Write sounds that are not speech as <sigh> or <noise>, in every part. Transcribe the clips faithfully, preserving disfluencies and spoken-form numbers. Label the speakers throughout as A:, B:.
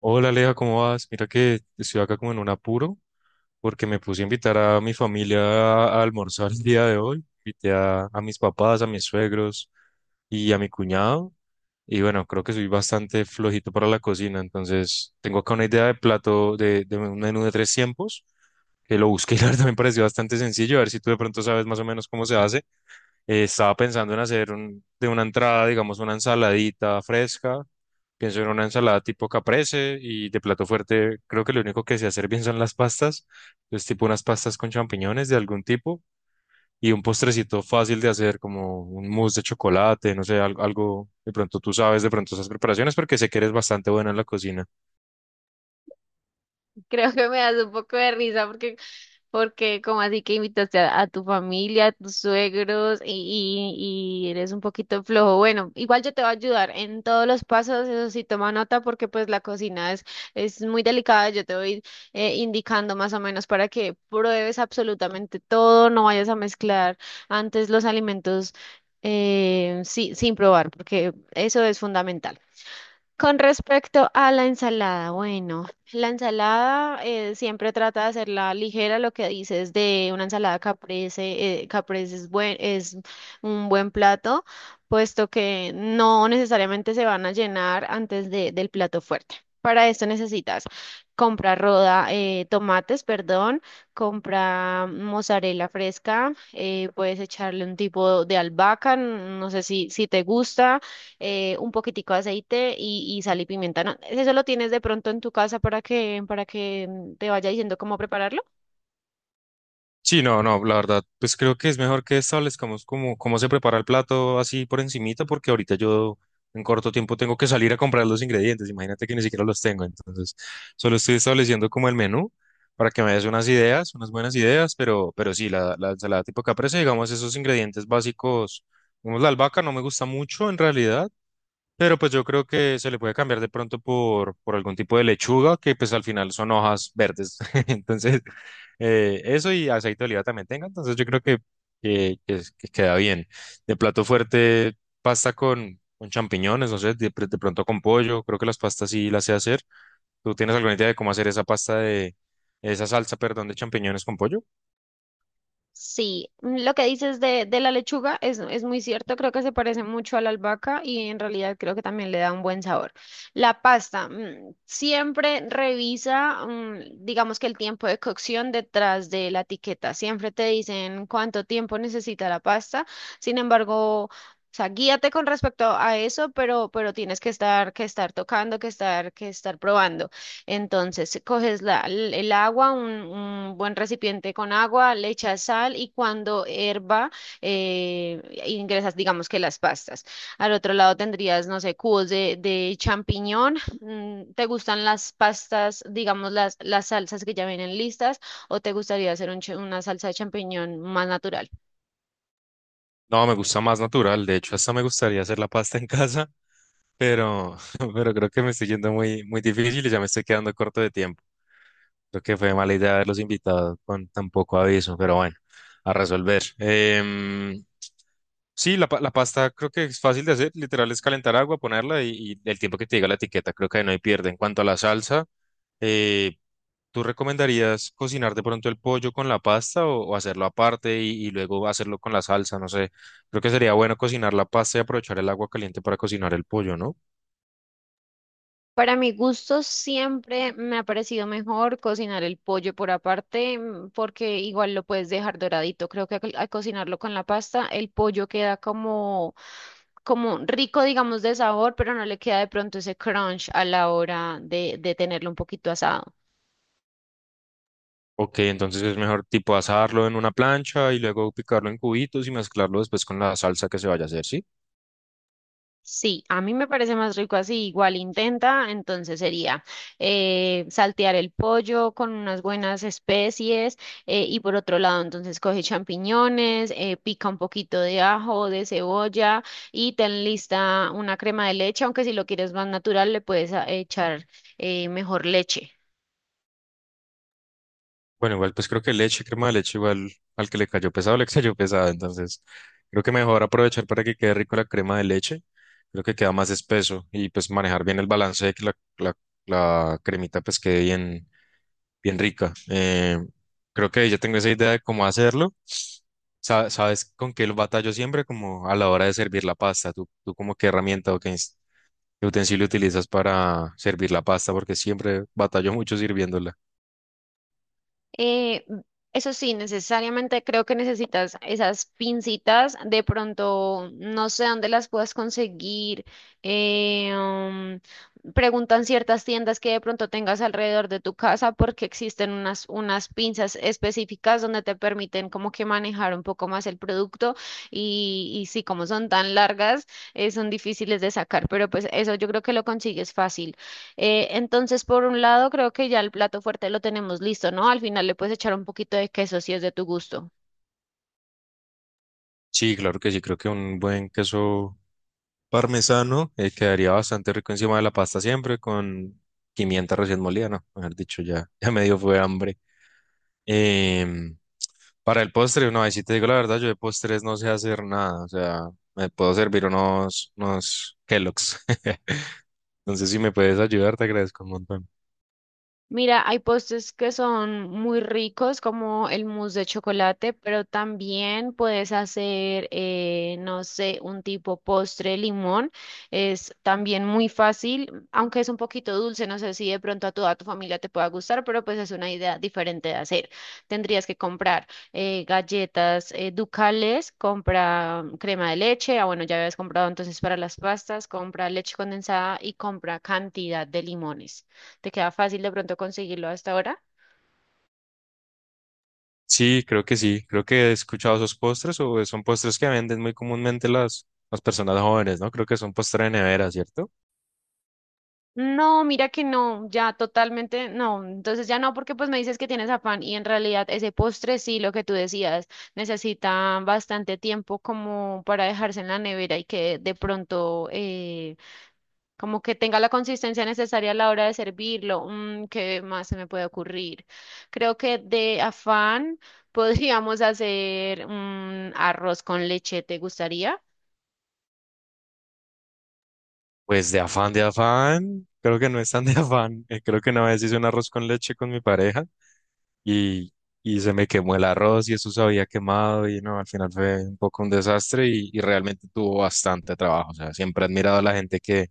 A: Hola Aleja, ¿cómo vas? Mira que estoy acá como en un apuro porque me puse a invitar a mi familia a a almorzar el día de hoy. Invité a, a mis papás, a mis suegros y a mi cuñado. Y bueno, creo que soy bastante flojito para la cocina, entonces tengo acá una idea de plato, de, de un menú de tres tiempos, que lo busqué <laughs> y la verdad me pareció bastante sencillo. A ver si tú de pronto sabes más o menos cómo se hace. Eh, estaba pensando en hacer un- de una entrada, digamos, una ensaladita fresca. Pienso en una ensalada tipo caprese y de plato fuerte creo que lo único que sé hacer bien son las pastas. Es tipo unas pastas con champiñones de algún tipo y un postrecito fácil de hacer como un mousse de chocolate, no sé, al- algo, de pronto tú sabes de pronto esas preparaciones porque sé que eres bastante buena en la cocina.
B: Creo que me das un poco de risa porque, porque como así que invitaste a, a tu familia, a tus suegros y, y, y eres un poquito flojo. Bueno, igual yo te voy a ayudar en todos los pasos, eso sí, toma nota porque pues la cocina es, es muy delicada. Yo te voy eh, indicando más o menos para que pruebes absolutamente todo, no vayas a mezclar antes los alimentos eh, sí, sin probar porque eso es fundamental. Con respecto a la ensalada, bueno, la ensalada eh, siempre trata de hacerla ligera, lo que dices de una ensalada caprese, eh, caprese es buen, es un buen plato, puesto que no necesariamente se van a llenar antes de- del plato fuerte. Para esto necesitas comprar roda, eh, tomates, perdón, compra mozzarella fresca, eh, puedes echarle un tipo de albahaca, no sé si, si te gusta eh, un poquitico de aceite y, y sal y pimienta, ¿no? Eso lo tienes de pronto en tu casa para que, para que mm, te vaya diciendo cómo prepararlo.
A: Sí, no, no, la verdad, pues creo que es mejor que establezcamos cómo, cómo se prepara el plato así por encimita, porque ahorita yo en corto tiempo tengo que salir a comprar los ingredientes, imagínate que ni siquiera los tengo, entonces solo estoy estableciendo como el menú para que me des unas ideas, unas buenas ideas, pero, pero sí, la, la ensalada tipo caprese, digamos, esos ingredientes básicos, digamos, la albahaca no me gusta mucho en realidad, pero pues yo creo que se le puede cambiar de pronto por, por algún tipo de lechuga, que pues al final son hojas verdes. <laughs> Entonces, eh, eso y aceite de oliva también tenga. Entonces yo creo que, que, que es- que queda bien. De plato fuerte, pasta con, con champiñones, no sé, de, pr- de pronto con pollo. Creo que las pastas sí las sé hacer. ¿Tú tienes alguna idea de cómo hacer esa pasta de, esa salsa, perdón, de champiñones con pollo?
B: Sí, mm, lo que dices de, de la lechuga es, es muy cierto, creo que se parece mucho a la albahaca y en realidad creo que también le da un buen sabor. La pasta, mm, siempre revisa, mm, digamos que el tiempo de cocción detrás de la etiqueta, siempre te dicen cuánto tiempo necesita la pasta, sin embargo, o sea, guíate con respecto a eso, pero, pero tienes que estar, que estar tocando, que estar, que estar probando. Entonces, eh, coges la- el el agua, un, un buen recipiente con agua, le echas sal y cuando herva, eh, ingresas, digamos que las pastas. Al otro lado tendrías, no sé, cubos de, de champiñón. Mm, ¿te gustan las pastas, digamos, las, las salsas que ya vienen listas o te gustaría hacer un ch- una salsa de champiñón más natural?
A: No, me gusta más natural. De hecho, hasta me gustaría hacer la pasta en <laughs> casa, pero, <laughs> pero creo que me estoy yendo muy, muy difícil y ya me estoy quedando corto de tiempo. Creo que fue mala idea haberlos invitado con tan poco aviso, pero bueno, a resolver. Em, sí, la, pa- la pasta creo que es fácil de hacer. Literal es calentar agua, ponerla y, y el tiempo que te diga la etiqueta, creo que ahí no hay pierde. En cuanto a la salsa, eh, ¿tú recomendarías cocinar de pronto el pollo con la pasta o, o hacerlo aparte y, y luego hacerlo con la salsa? No sé, creo que sería bueno cocinar la pasta y aprovechar el agua caliente para cocinar el pollo, ¿no?
B: Para mi gusto siempre me ha parecido mejor cocinar el pollo por aparte, mm, porque igual lo puedes dejar doradito. Creo que al, al cocinarlo con la pasta el pollo queda como, como rico, digamos, de sabor, pero no le queda de pronto ese crunch a la hora de, de tenerlo un poquito asado.
A: Ok, entonces es mejor tipo asarlo en una plancha y luego picarlo en cubitos y mezclarlo después con la salsa que se vaya a hacer, ¿sí?
B: Sí, a mí me parece más rico así. Igual intenta, entonces sería eh, saltear el pollo con unas buenas especies eh, y por otro lado, entonces coge champiñones, eh, pica un poquito de ajo, de cebolla y ten lista una crema de leche, aunque si lo quieres más natural le puedes a- echar eh, mejor leche.
A: Bueno, igual pues creo que leche, crema de leche, igual al que le cayó pesado, le <laughs> cayó pesada, entonces creo que mejor aprovechar para que quede rico la crema de leche, creo que queda más espeso y pues manejar bien el balance de que la, la, la cremita pues quede bien, bien rica. Eh, creo que ya tengo esa idea de cómo hacerlo. Sa- ¿Sabes con qué lo batallo siempre? Como a la hora de servir la pasta, ¿tú, ¿tú como qué herramienta o qué, qué utensilio utilizas para servir la pasta? Porque siempre batallo mucho sirviéndola.
B: Eh, mm, Eso sí, necesariamente creo que necesitas esas pincitas. De pronto, no sé dónde las puedas conseguir. eh, um, Preguntan ciertas tiendas que de pronto tengas alrededor de tu casa porque existen unas, unas pinzas específicas donde te permiten como que manejar un poco más el producto y, y sí, como son tan largas, eh, son difíciles de sacar, pero pues eso yo creo que lo consigues fácil. Eh, entonces, por un lado, creo que ya el plato fuerte lo tenemos listo, ¿no? Al final le puedes echar un poquito de queso si es de tu gusto.
A: Sí, claro que sí, creo que un buen queso parmesano eh, quedaría bastante rico encima de la pasta siempre con pimienta recién molida, ¿no? Haber dicho ya, <laughs> ya me dio fue hambre. Em, para el postre, no, ahí sí te digo la verdad, yo de postres no sé hacer nada, o sea, me puedo servir unos, unos Kellogg's. <laughs> Entonces, si me puedes ayudar, te agradezco un montón.
B: Mira, hay postres que son muy ricos, como el mousse de chocolate, pero también puedes hacer, eh, no sé, un tipo postre de limón. Es también muy fácil, aunque es un poquito dulce. No sé si de pronto a toda tu familia te pueda gustar, pero pues es una idea diferente de hacer. Tendrías que comprar eh, galletas eh, ducales, compra mm, crema de leche. Ah, bueno, ya habías comprado entonces para las pastas, compra leche condensada y compra cantidad de limones. ¿Te queda fácil de pronto conseguirlo hasta ahora?
A: Sí, creo que sí. Creo que he escuchado esos postres o son postres que venden muy comúnmente las, las personas jóvenes, ¿no? Creo que son postres de nevera, ¿cierto?
B: No, mira que no, ya totalmente no. Entonces ya no, porque pues me dices que tienes afán y en realidad ese postre sí, lo que tú decías, necesita bastante tiempo como para dejarse en la nevera y que de pronto eh, como que tenga la consistencia necesaria a la hora de servirlo. Mm, ¿qué más se me puede ocurrir? Creo que de afán <laughs> podríamos hacer un arroz con leche, ¿te gustaría?
A: Pues de afán, de afán. Creo que no es tan de afán. Eh, creo que una vez hice un arroz con leche con mi pareja y, y se me quemó el arroz y eso se había quemado y no, al final fue un poco un desastre y, y realmente tuvo bastante trabajo. O sea, siempre he admirado a la gente que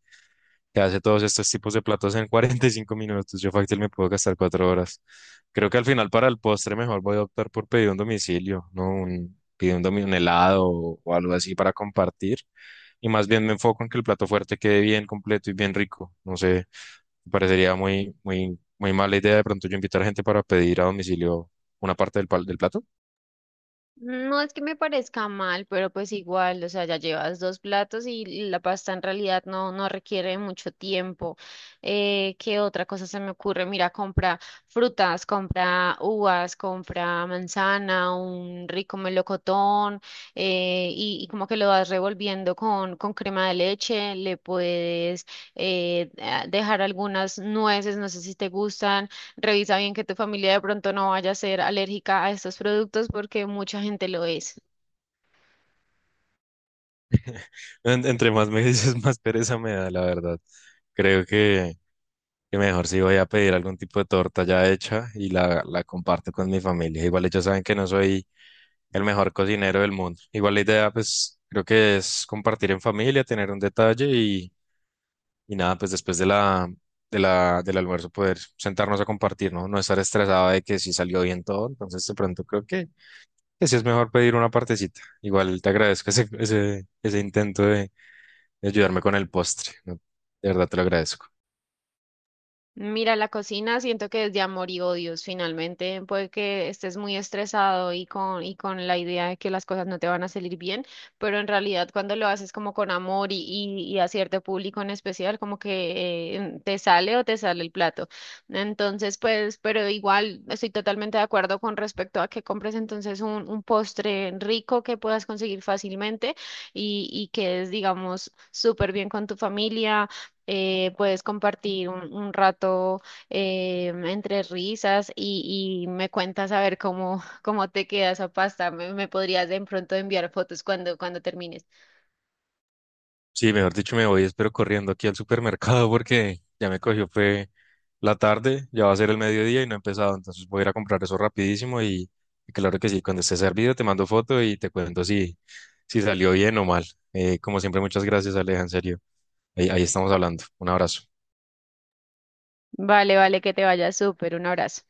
A: que hace todos estos tipos de platos en <laughs> cuarenta y cinco minutos. Yo fácil me puedo gastar cuatro horas. Creo que al final para el postre mejor voy a optar por pedir un domicilio, ¿no? Un, pedir un, domi- un helado o, o algo así para compartir. Y más bien me enfoco en que el plato fuerte quede bien completo y bien rico. No sé, me parecería muy, muy, muy mala idea de pronto yo invitar a gente para pedir a domicilio una parte del, pal- del plato.
B: No es que me parezca mal, pero pues igual, o sea, ya llevas dos platos y la pasta en realidad no, no requiere mucho tiempo. Eh, ¿qué otra cosa se me ocurre? Mira, compra frutas, compra uvas, compra manzana, un rico melocotón, eh, y, y como que lo vas revolviendo con, con crema de leche, le puedes eh, a- dejar algunas nueces, no sé si te gustan. Revisa bien que tu familia de pronto no vaya a ser alérgica a estos productos porque mucha gente lo es.
A: En- entre más me dices, <laughs> más pereza me da, la verdad. Creo que... Y mejor si voy a pedir algún tipo de torta ya hecha y la, la comparto con mi familia. Igual ellos saben que no soy el mejor cocinero del mundo. Igual la idea, pues, creo que es compartir en familia, tener un detalle y, y nada, pues después de la, de la, del almuerzo poder sentarnos a compartir, ¿no? No estar estresado de que si salió bien todo. Entonces, de pronto creo que, que sí es mejor pedir una partecita. Igual te agradezco ese, ese, ese intento de, de ayudarme con el postre, ¿no? De verdad te lo agradezco.
B: Mira, la cocina siento que es de amor y odios. Finalmente, puede que estés muy estresado y con, y con la idea de que las cosas no te van a salir bien, pero en realidad cuando lo haces como con amor y, y, y a cierto público en especial, como que eh, te sale o te sale el plato. Entonces, pues, pero igual estoy totalmente de acuerdo con respecto a que compres entonces un, un postre rico que puedas conseguir fácilmente y, y que es, digamos, súper bien con tu familia eh, puedes compartir un, un rato eh, entre risas y, y me cuentas a ver cómo, <laughs> cómo te queda esa pasta. Me, me podrías de pronto enviar fotos cuando, cuando termines.
A: Sí, mejor dicho, me voy, espero corriendo aquí al supermercado porque ya me cogió, fue la tarde, ya va a ser el mediodía y no he empezado, entonces voy a ir a comprar eso rapidísimo y, y claro que sí, cuando esté servido te mando foto y te cuento si, si salió bien o mal. Eh, como siempre, muchas gracias, Aleja, en serio. Ahí, ahí estamos hablando. Un abrazo.
B: Vale, vale, que te vaya súper. Un abrazo.